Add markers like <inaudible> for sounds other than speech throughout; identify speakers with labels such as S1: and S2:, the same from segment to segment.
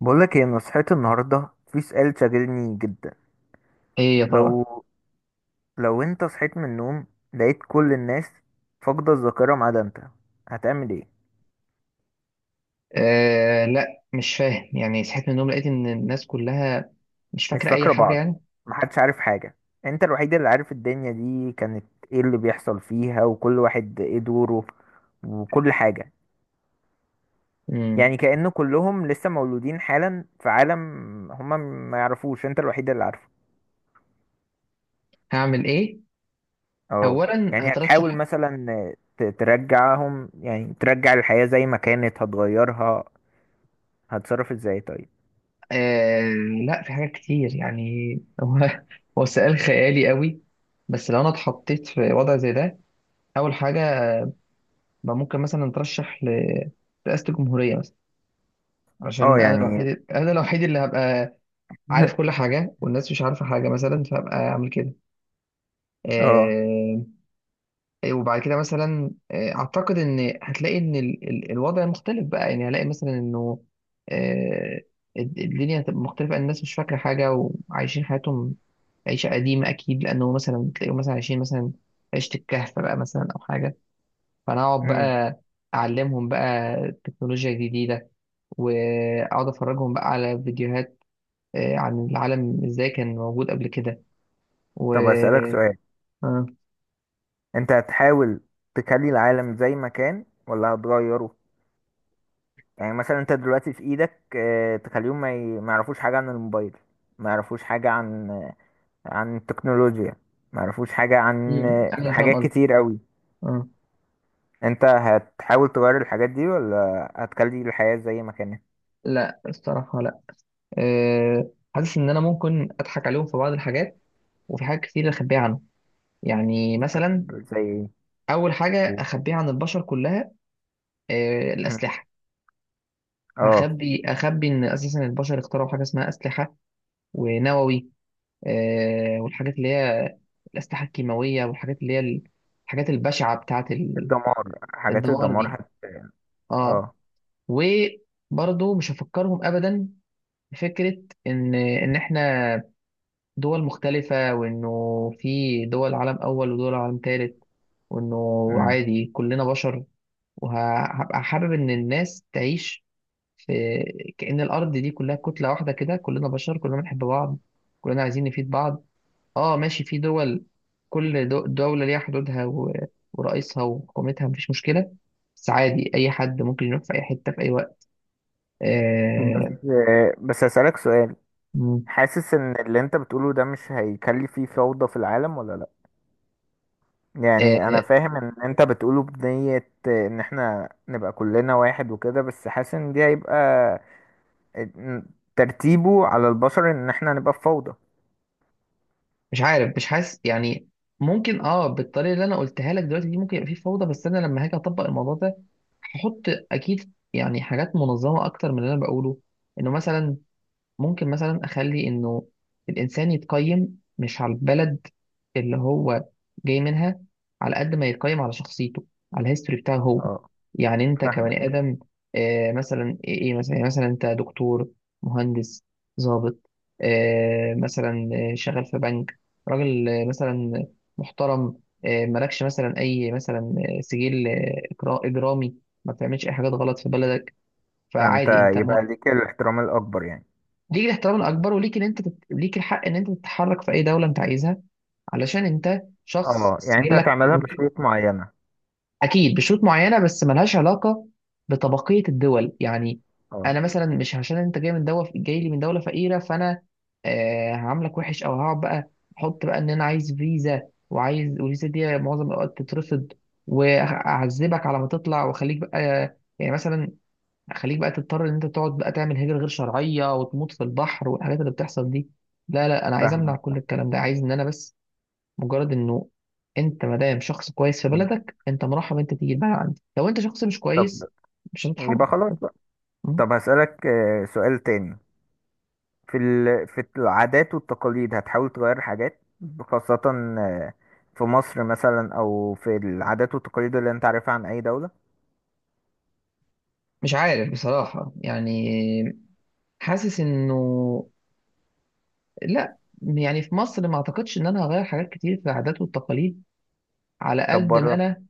S1: بقولك هي نصحتي النهاردة في سؤال شاغلني جدا.
S2: ايه يا ترى؟
S1: لو لو انت صحيت من النوم، لقيت كل الناس فاقدة الذاكرة ما عدا انت، هتعمل ايه؟
S2: لا مش فاهم، يعني صحيت من النوم لقيت ان الناس كلها مش
S1: مش
S2: فاكره اي
S1: فاكرة
S2: حاجه
S1: بعض،
S2: يعني.
S1: محدش عارف حاجة، انت الوحيد اللي عارف الدنيا دي كانت ايه اللي بيحصل فيها وكل واحد ايه دوره وكل حاجة.
S2: امم
S1: يعني كأن كلهم لسه مولودين حالا في عالم هما ما يعرفوش، انت الوحيد اللي عارفه.
S2: هعمل ايه؟
S1: اه
S2: اولا
S1: يعني هتحاول
S2: هترشح.
S1: مثلا ترجعهم، يعني ترجع الحياة زي ما كانت، هتغيرها؟ هتتصرف ازاي طيب؟
S2: آه لا، في حاجات كتير يعني. <laughs> هو هو سؤال خيالي قوي، بس لو انا اتحطيت في وضع زي ده، اول حاجه بقى ممكن مثلا اترشح رئاسه الجمهوريه مثلا،
S1: اه
S2: عشان انا
S1: يعني
S2: الوحيد، انا الوحيد اللي هبقى عارف كل
S1: <laughs>
S2: حاجه والناس مش عارفه حاجه، مثلا فهبقى اعمل كده.
S1: اه.
S2: آه، إيه، وبعد كده مثلا اعتقد ان هتلاقي ان الوضع مختلف بقى. يعني هلاقي مثلا انه آه، الدنيا هتبقى مختلفة، الناس مش فاكرة حاجة وعايشين حياتهم عيشة قديمة أكيد، لأنه مثلا تلاقيهم مثلا عايشين مثلا عيشة الكهف بقى مثلا أو حاجة. فأنا أقعد
S1: امم
S2: بقى أعلمهم بقى تكنولوجيا جديدة، وأقعد أفرجهم بقى على فيديوهات عن العالم إزاي كان موجود قبل كده. و
S1: طب اسألك سؤال،
S2: آه،
S1: انت هتحاول تخلي العالم زي ما كان ولا هتغيره؟ يعني مثلا انت دلوقتي في ايدك، تخليهم ما يعرفوش حاجة عن الموبايل، ما يعرفوش حاجة عن التكنولوجيا، ما يعرفوش حاجة عن
S2: أنا فاهم
S1: حاجات
S2: قصدي.
S1: كتير قوي.
S2: آه،
S1: انت هتحاول تغير الحاجات دي ولا هتخلي الحياة زي ما كانت؟
S2: لا، الصراحة لا. حاسس ان انا ممكن اضحك عليهم في بعض الحاجات، وفي حاجات كتير اخبيها عنهم. يعني مثلا
S1: طب زي ايه؟
S2: اول حاجه
S1: و-
S2: اخبيها عن البشر كلها
S1: مم.
S2: الاسلحه.
S1: اه
S2: اخبي ان اساسا البشر اخترعوا حاجه اسمها اسلحه ونووي والحاجات اللي هي الاسلحه الكيماويه والحاجات اللي هي الحاجات البشعه بتاعه
S1: الدمار، حاجات
S2: الدمار
S1: الدمار
S2: دي.
S1: هت...
S2: اه،
S1: اه.
S2: وبرضه مش هفكرهم ابدا بفكره ان احنا دول مختلفة، وإنه في دول عالم أول ودول عالم تالت، وإنه
S1: مم.
S2: عادي كلنا بشر. وهبقى حابب إن الناس تعيش في كأن الأرض دي كلها كتلة واحدة، كده كلنا بشر كلنا بنحب بعض، كلنا عايزين نفيد بعض. آه ماشي، في دول، كل دولة ليها حدودها ورئيسها وحكومتها، مفيش مشكلة، بس عادي أي حد ممكن يروح في أي حتة في أي وقت.
S1: بس
S2: آه.
S1: بس اسألك سؤال،
S2: مم.
S1: حاسس ان اللي انت بتقوله ده مش هيكلف فيه فوضى في العالم ولا لا؟ يعني انا فاهم ان انت بتقوله بنية ان احنا نبقى كلنا واحد وكده، بس حاسس ان دي هيبقى ترتيبه على البشر ان احنا نبقى في فوضى.
S2: مش عارف، مش حاسس يعني. ممكن اه، بالطريقه اللي انا قلتها لك دلوقتي دي ممكن يبقى في فوضى، بس انا لما هاجي اطبق الموضوع ده هحط اكيد يعني حاجات منظمه اكتر من اللي انا بقوله. انه مثلا ممكن مثلا اخلي انه الانسان يتقيم مش على البلد اللي هو جاي منها، على قد ما يتقيم على شخصيته، على الهيستوري بتاعه هو.
S1: اه
S2: يعني انت كبني
S1: فاهمك.
S2: ادم مثلا ايه، إيه مثلا، يعني مثلا انت دكتور، مهندس، ضابط، مثلا شغال في بنك، راجل مثلا محترم، مالكش مثلا اي مثلا سجل اجرامي، ما بتعملش اي حاجات غلط في بلدك،
S1: فانت
S2: فعادي انت
S1: يبقى ليك الاحترام الاكبر يعني.
S2: ليك الاحترام الاكبر، وليك ان انت ليك الحق ان انت تتحرك في اي دوله انت عايزها، علشان انت شخص
S1: اه يعني انت
S2: سجلك
S1: هتعملها
S2: نظيف.
S1: بشروط معينة.
S2: اكيد بشروط معينه، بس ملهاش علاقه بطبقيه الدول يعني.
S1: اه
S2: انا مثلا مش عشان انت جاي من دوله، جاي لي من دوله فقيره، فانا هعاملك وحش او هقعد بقى احط بقى ان انا عايز فيزا وعايز، والفيزا دي معظم الاوقات تترفض، واعذبك على ما تطلع واخليك بقى، يعني مثلا خليك بقى تضطر ان انت تقعد بقى تعمل هجرة غير شرعية وتموت في البحر والحاجات اللي بتحصل دي. لا لا، انا عايز امنع كل
S1: فاهمك.
S2: الكلام ده، عايز ان انا بس مجرد انه انت ما دام شخص كويس في بلدك، انت مرحب انت تيجي البلد عندي، لو انت شخص مش كويس
S1: طب
S2: مش
S1: يبقى
S2: هتتحرك.
S1: خلاص بقى.
S2: م؟
S1: طب هسألك سؤال تاني، في ال... في العادات والتقاليد هتحاول تغير حاجات خاصة آه، في مصر مثلا، أو في العادات والتقاليد اللي أنت عارفها عن أي دولة؟
S2: مش عارف بصراحة يعني. حاسس انه لا، يعني في مصر ما اعتقدش ان انا هغير حاجات كتير في العادات والتقاليد، على
S1: طب
S2: قد ما
S1: بره.
S2: انا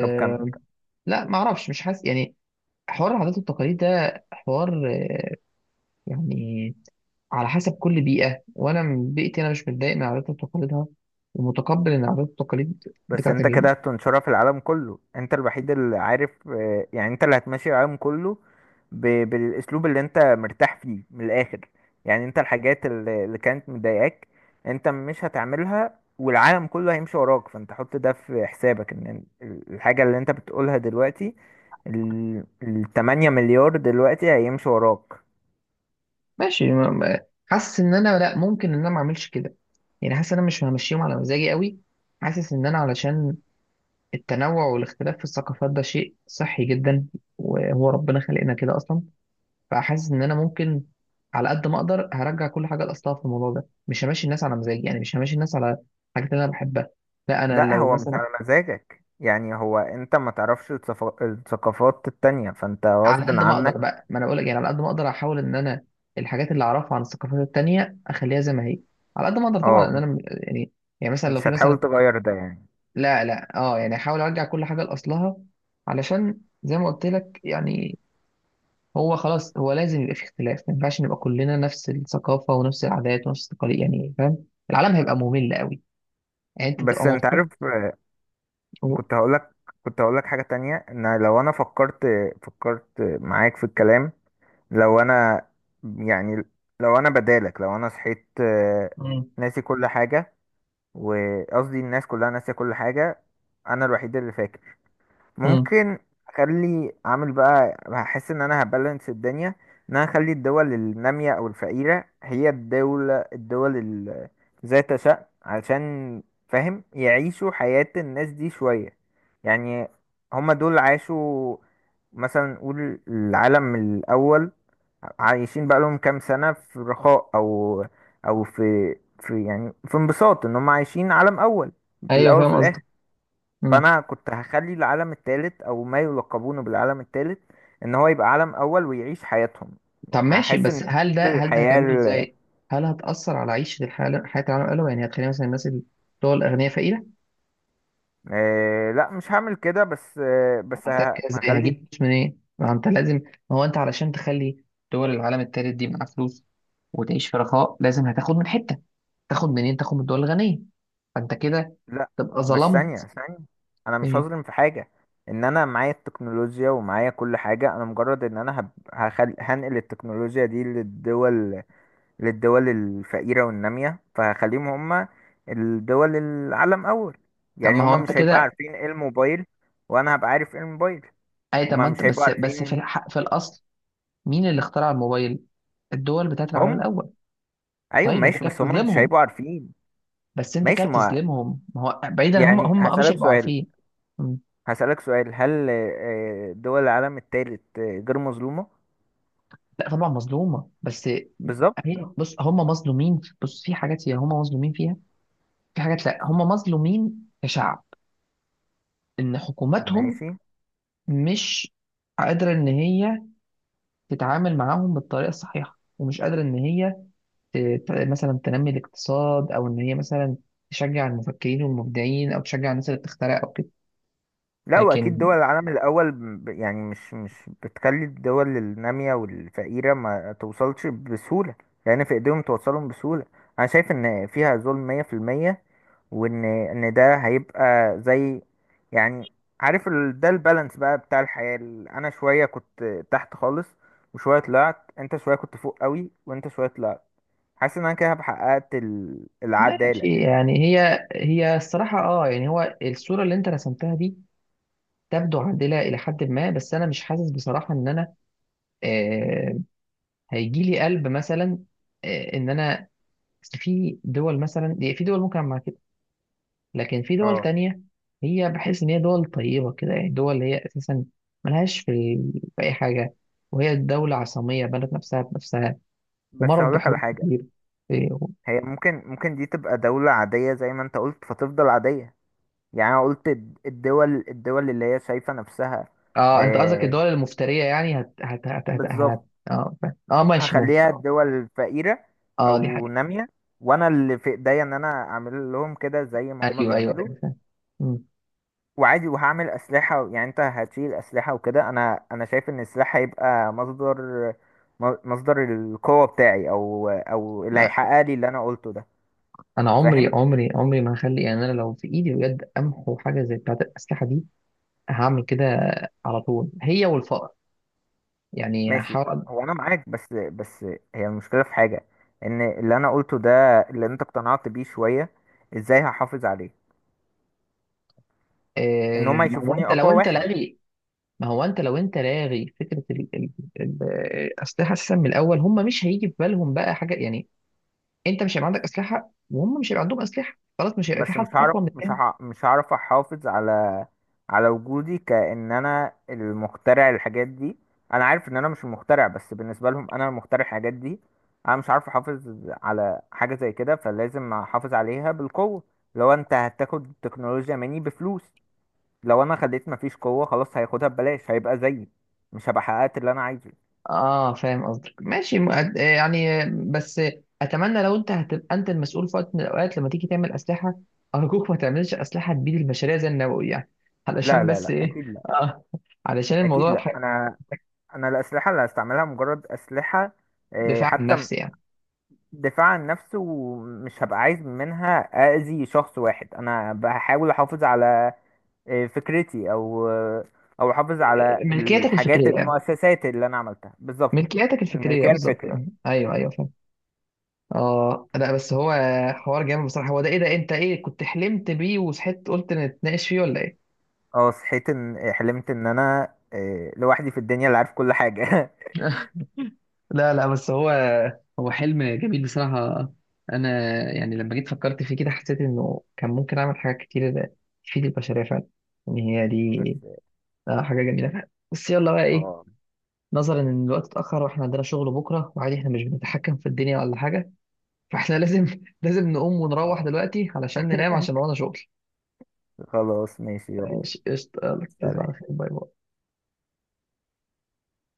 S1: طب كمل.
S2: لا ما اعرفش، مش حاسس يعني. حوار العادات والتقاليد ده حوار يعني على حسب كل بيئة، وأنا من بيئتي أنا مش متضايق من عاداتها وتقاليدها، ومتقبل إن العادات والتقاليد
S1: بس
S2: بتاعت
S1: انت كده هتنشرها في العالم كله، انت الوحيد اللي عارف، يعني انت اللي هتمشي العالم كله بالاسلوب اللي انت مرتاح فيه من الاخر. يعني انت الحاجات اللي كانت مضايقاك انت مش هتعملها، والعالم كله هيمشي وراك، فانت حط ده في حسابك. ان الحاجة اللي انت بتقولها دلوقتي التمانية مليار دلوقتي هيمشي وراك.
S2: ماشي حاسس إن أنا لأ، ممكن إن أنا ما أعملش كده، يعني حاسس إن أنا مش همشيهم على مزاجي قوي. حاسس إن أنا علشان التنوع والاختلاف في الثقافات ده شيء صحي جدا، وهو ربنا خلقنا كده أصلا. فحاسس إن أنا ممكن على قد ما أقدر هرجع كل حاجة لأصلها في الموضوع ده، مش همشي الناس على مزاجي، يعني مش همشي الناس على الحاجات اللي أنا بحبها. لا أنا
S1: لا
S2: لو
S1: هو مش
S2: مثلا
S1: على مزاجك، يعني هو انت ما تعرفش الثقافات التانية، فانت
S2: على
S1: غصب
S2: قد ما اقدر
S1: عنك.
S2: بقى، ما انا بقول لك يعني، على قد ما اقدر احاول ان انا الحاجات اللي اعرفها عن الثقافات التانية اخليها زي ما هي، على قد ما اقدر طبعا، ان انا
S1: اه
S2: يعني. يعني مثلا لو
S1: مش
S2: في مثلا،
S1: هتحاول تغير ده يعني.
S2: لا لا اه، يعني احاول ارجع كل حاجة لاصلها، علشان زي ما قلت لك يعني، هو خلاص هو لازم يبقى في اختلاف، ما ينفعش نبقى كلنا نفس الثقافة ونفس العادات ونفس التقاليد يعني، فاهم، العالم هيبقى ممل قوي. يعني انت تبقى
S1: بس انت عارف،
S2: مبسوط و...
S1: كنت هقولك، كنت هقولك حاجة تانية، ان لو انا فكرت، فكرت معاك في الكلام، لو انا، يعني لو انا بدالك، لو انا صحيت
S2: مم.
S1: ناسي كل حاجة، وقصدي الناس كلها ناسية كل حاجة، انا الوحيد اللي فاكر.
S2: مم.
S1: ممكن اخلي اعمل بقى، هحس ان انا هبالانس الدنيا، ان انا اخلي الدول النامية او الفقيرة هي الدول ذات شأن، عشان فاهم يعيشوا حياة الناس دي شوية. يعني هما دول عاشوا، مثلا نقول العالم الأول، عايشين بقى لهم كام سنة في رخاء، أو أو في يعني في انبساط إن هم عايشين عالم أول في
S2: ايوه
S1: الأول في
S2: فاهم
S1: الآخر.
S2: قصدك. مم.
S1: فانا كنت هخلي العالم التالت او ما يلقبونه بالعالم التالت ان هو يبقى عالم اول ويعيش حياتهم.
S2: طب ماشي،
S1: هحس ان
S2: بس
S1: دي
S2: هل ده، هل ده
S1: الحياة
S2: هتعمله ازاي؟ هل هتأثر على عيشة الحالة حياة العالم الأول، يعني هتخلي مثلا الناس اللي هو الأغنياء فقيرة؟
S1: آه لا مش هعمل كده، بس آه
S2: طب
S1: بس
S2: هتعمل كده ازاي؟ هجيب
S1: هخلي.
S2: فلوس منين؟ ما أنت لازم، ما هو أنت علشان تخلي دول العالم التالت دي معاها فلوس وتعيش في رخاء، لازم هتاخد من حتة، تاخد منين؟ تاخد من الدول الغنية، فأنت كده
S1: لا
S2: تبقى
S1: بس ثانية
S2: ظلمت.
S1: ثانية انا مش
S2: إيه؟
S1: هظلم في حاجة. ان انا معايا التكنولوجيا ومعايا كل حاجة، انا مجرد ان انا هنقل التكنولوجيا دي للدول، للدول الفقيرة والنامية، فخليهم هم الدول العالم أول.
S2: طب
S1: يعني
S2: ما هو
S1: هم
S2: أنت
S1: مش هيبقى
S2: كده،
S1: عارفين ايه الموبايل، وأنا هبقى عارف ايه الموبايل.
S2: أي طب ما
S1: هم
S2: أنت
S1: مش هيبقوا
S2: بس بس في
S1: عارفين.
S2: الحق في الأصل، مين اللي اخترع الموبايل؟ الدول بتاعت العالم
S1: هم
S2: الأول.
S1: أيوة
S2: طيب أنت
S1: ماشي،
S2: كده
S1: بس هم مش
S2: بتظلمهم،
S1: هيبقوا عارفين.
S2: بس انت كده
S1: ماشي ما،
S2: بتظلمهم، ما هو بعيدا هم
S1: يعني
S2: هم اه مش
S1: هسألك
S2: هيبقوا
S1: سؤال.
S2: عارفين. مم.
S1: هسألك سؤال، هل دول العالم التالت غير مظلومة؟
S2: لا طبعا مظلومه، بس
S1: بالظبط.
S2: هي بص، هم مظلومين، بص في حاجات هي هم مظلومين فيها، في حاجات لا. هم مظلومين كشعب ان حكوماتهم
S1: ماشي.
S2: مش قادره ان هي تتعامل معاهم بالطريقه الصحيحه، ومش قادره ان هي ت- مثلا تنمي الاقتصاد، او ان هي مثلا تشجع المفكرين والمبدعين او تشجع الناس اللي بتخترع او كده.
S1: لا واكيد
S2: لكن
S1: دول العالم الاول يعني مش بتخلي الدول الناميه والفقيره ما توصلش بسهوله، لان في ايديهم توصلهم بسهوله. انا شايف ان فيها ظلم 100%، وان ان ده هيبقى زي يعني، عارف ال... ده البالانس بقى بتاع الحياه انا شويه كنت تحت خالص وشويه طلعت، انت شويه كنت فوق قوي وانت شويه طلعت. حاسس ان انا كده حققت ال... العداله.
S2: ماشي، يعني هي هي الصراحة اه، يعني هو الصورة اللي انت رسمتها دي تبدو عادلة إلى حد ما، بس أنا مش حاسس بصراحة إن أنا آه هيجي لي قلب مثلا إن أنا، أصل في دول مثلا، في دول ممكن أعمل معاها كده، لكن في دول
S1: اه
S2: تانية هي بحس إن هي دول طيبة كده، يعني دول اللي هي أساسا ملهاش في، في أي حاجة، وهي دولة عصامية بنت نفسها بنفسها
S1: بس
S2: ومرت
S1: هقولك على
S2: بحروب
S1: حاجه،
S2: كتير. آه،
S1: هي ممكن دي تبقى دولة عادية زي ما انت قلت فتفضل عادية. يعني انا قلت الدول اللي هي شايفة نفسها،
S2: اه انت قصدك
S1: آه،
S2: الدول المفترية يعني
S1: بالظبط.
S2: اه فاهم. اه ماشي، ممكن
S1: هخليها
S2: اه
S1: الدول فقيرة
S2: دي
S1: او
S2: حاجة.
S1: نامية، وانا اللي في ايديا ان انا اعمل لهم كده زي ما هما
S2: ايوه ايوه
S1: بيعملوا.
S2: ايوه فاهم. مم.
S1: وعادي وهعمل اسلحة، يعني انت هتشيل اسلحة وكده، انا انا شايف ان السلاح هيبقى مصدر، مصدر القوة بتاعي، او او اللي
S2: لا،
S1: هيحقق لي اللي انا قلته ده.
S2: انا عمري
S1: فاهم
S2: عمري عمري ما هخلي، يعني انا لو في ايدي بجد امحو حاجة زي بتاعة الأسلحة دي هعمل كده على طول، هي والفقر، يعني
S1: ماشي،
S2: هحاول
S1: هو انا معاك، بس بس هي المشكله في حاجه، ان اللي انا قلته ده اللي انت اقتنعت بيه شويه، ازاي هحافظ عليه؟
S2: آه.
S1: ان هما
S2: ما هو
S1: يشوفوني
S2: انت لو
S1: اقوى
S2: انت
S1: واحد.
S2: لاغي، ما هو انت لو انت لاغي فكرة ال- الأسلحة اساسا من الأول، هم مش هيجي في بالهم بقى حاجة يعني. انت مش هيبقى عندك أسلحة وهم مش هيبقى عندهم أسلحة، خلاص مش هيبقى في
S1: بس
S2: حد
S1: مش هعرف،
S2: أقوى من التاني.
S1: مش هعرف احافظ على على وجودي، كأن انا المخترع الحاجات دي. انا عارف ان انا مش المخترع، بس بالنسبه لهم انا المخترع الحاجات دي. انا مش عارف احافظ على حاجه زي كده، فلازم احافظ عليها بالقوه. لو انت هتاخد التكنولوجيا مني بفلوس، لو انا خليت مفيش قوة خلاص هياخدها ببلاش، هيبقى زيي، مش هبقى حققت اللي انا عايزه.
S2: اه فاهم قصدك، ماشي يعني، بس اتمنى لو انت هتبقى انت المسؤول في وقت من الاوقات، لما تيجي تعمل اسلحه ارجوك ما تعملش اسلحه تبيد البشريه زي النووي يعني. <laughs>
S1: لا
S2: علشان
S1: لا
S2: بس
S1: لا
S2: ايه
S1: اكيد لا.
S2: آه علشان
S1: اكيد
S2: الموضوع
S1: لا، انا انا الاسلحة اللي هستعملها مجرد اسلحة
S2: دفاع عن
S1: حتى
S2: النفس يعني.
S1: دفاع عن نفسي، ومش هبقى عايز منها اذي شخص واحد. انا بحاول احافظ على فكرتي، او او احافظ على
S2: ملكياتك
S1: الحاجات،
S2: الفكريه يعني
S1: المؤسسات اللي انا عملتها بالظبط.
S2: ملكياتك الفكريه
S1: الملكية
S2: بالظبط آه.
S1: الفكرية
S2: ايوه ايوه
S1: بالظبط.
S2: فاهم. اه لا بس هو حوار جامد بصراحه، هو ده ايه، ده انت ايه كنت حلمت بيه وصحيت قلت نتناقش فيه ولا ايه؟
S1: اه صحيت ان حلمت ان انا لوحدي في الدنيا اللي عارف كل حاجة. <laughs>
S2: <laughs> لا لا بس هو، هو حلم جميل بصراحة. أنا يعني لما جيت فكرت فيه كده حسيت إنه كان ممكن أعمل حاجات كتير تفيد البشرية فعلا، إن هي
S1: بس
S2: دي حاجة جميلة فعلا. بس يلا بقى إيه،
S1: اه
S2: نظرا إن الوقت اتأخر وإحنا عندنا شغل بكرة، وعادي إحنا مش بنتحكم في الدنيا ولا حاجة، فإحنا لازم <laughs> لازم نقوم ونروح
S1: اه.
S2: دلوقتي علشان ننام
S1: <laughs>
S2: عشان ورانا شغل.
S1: خلاص ماشي يلا.
S2: ماشي قشطة، يلا تصبح
S1: سلام.
S2: على خير، باي باي.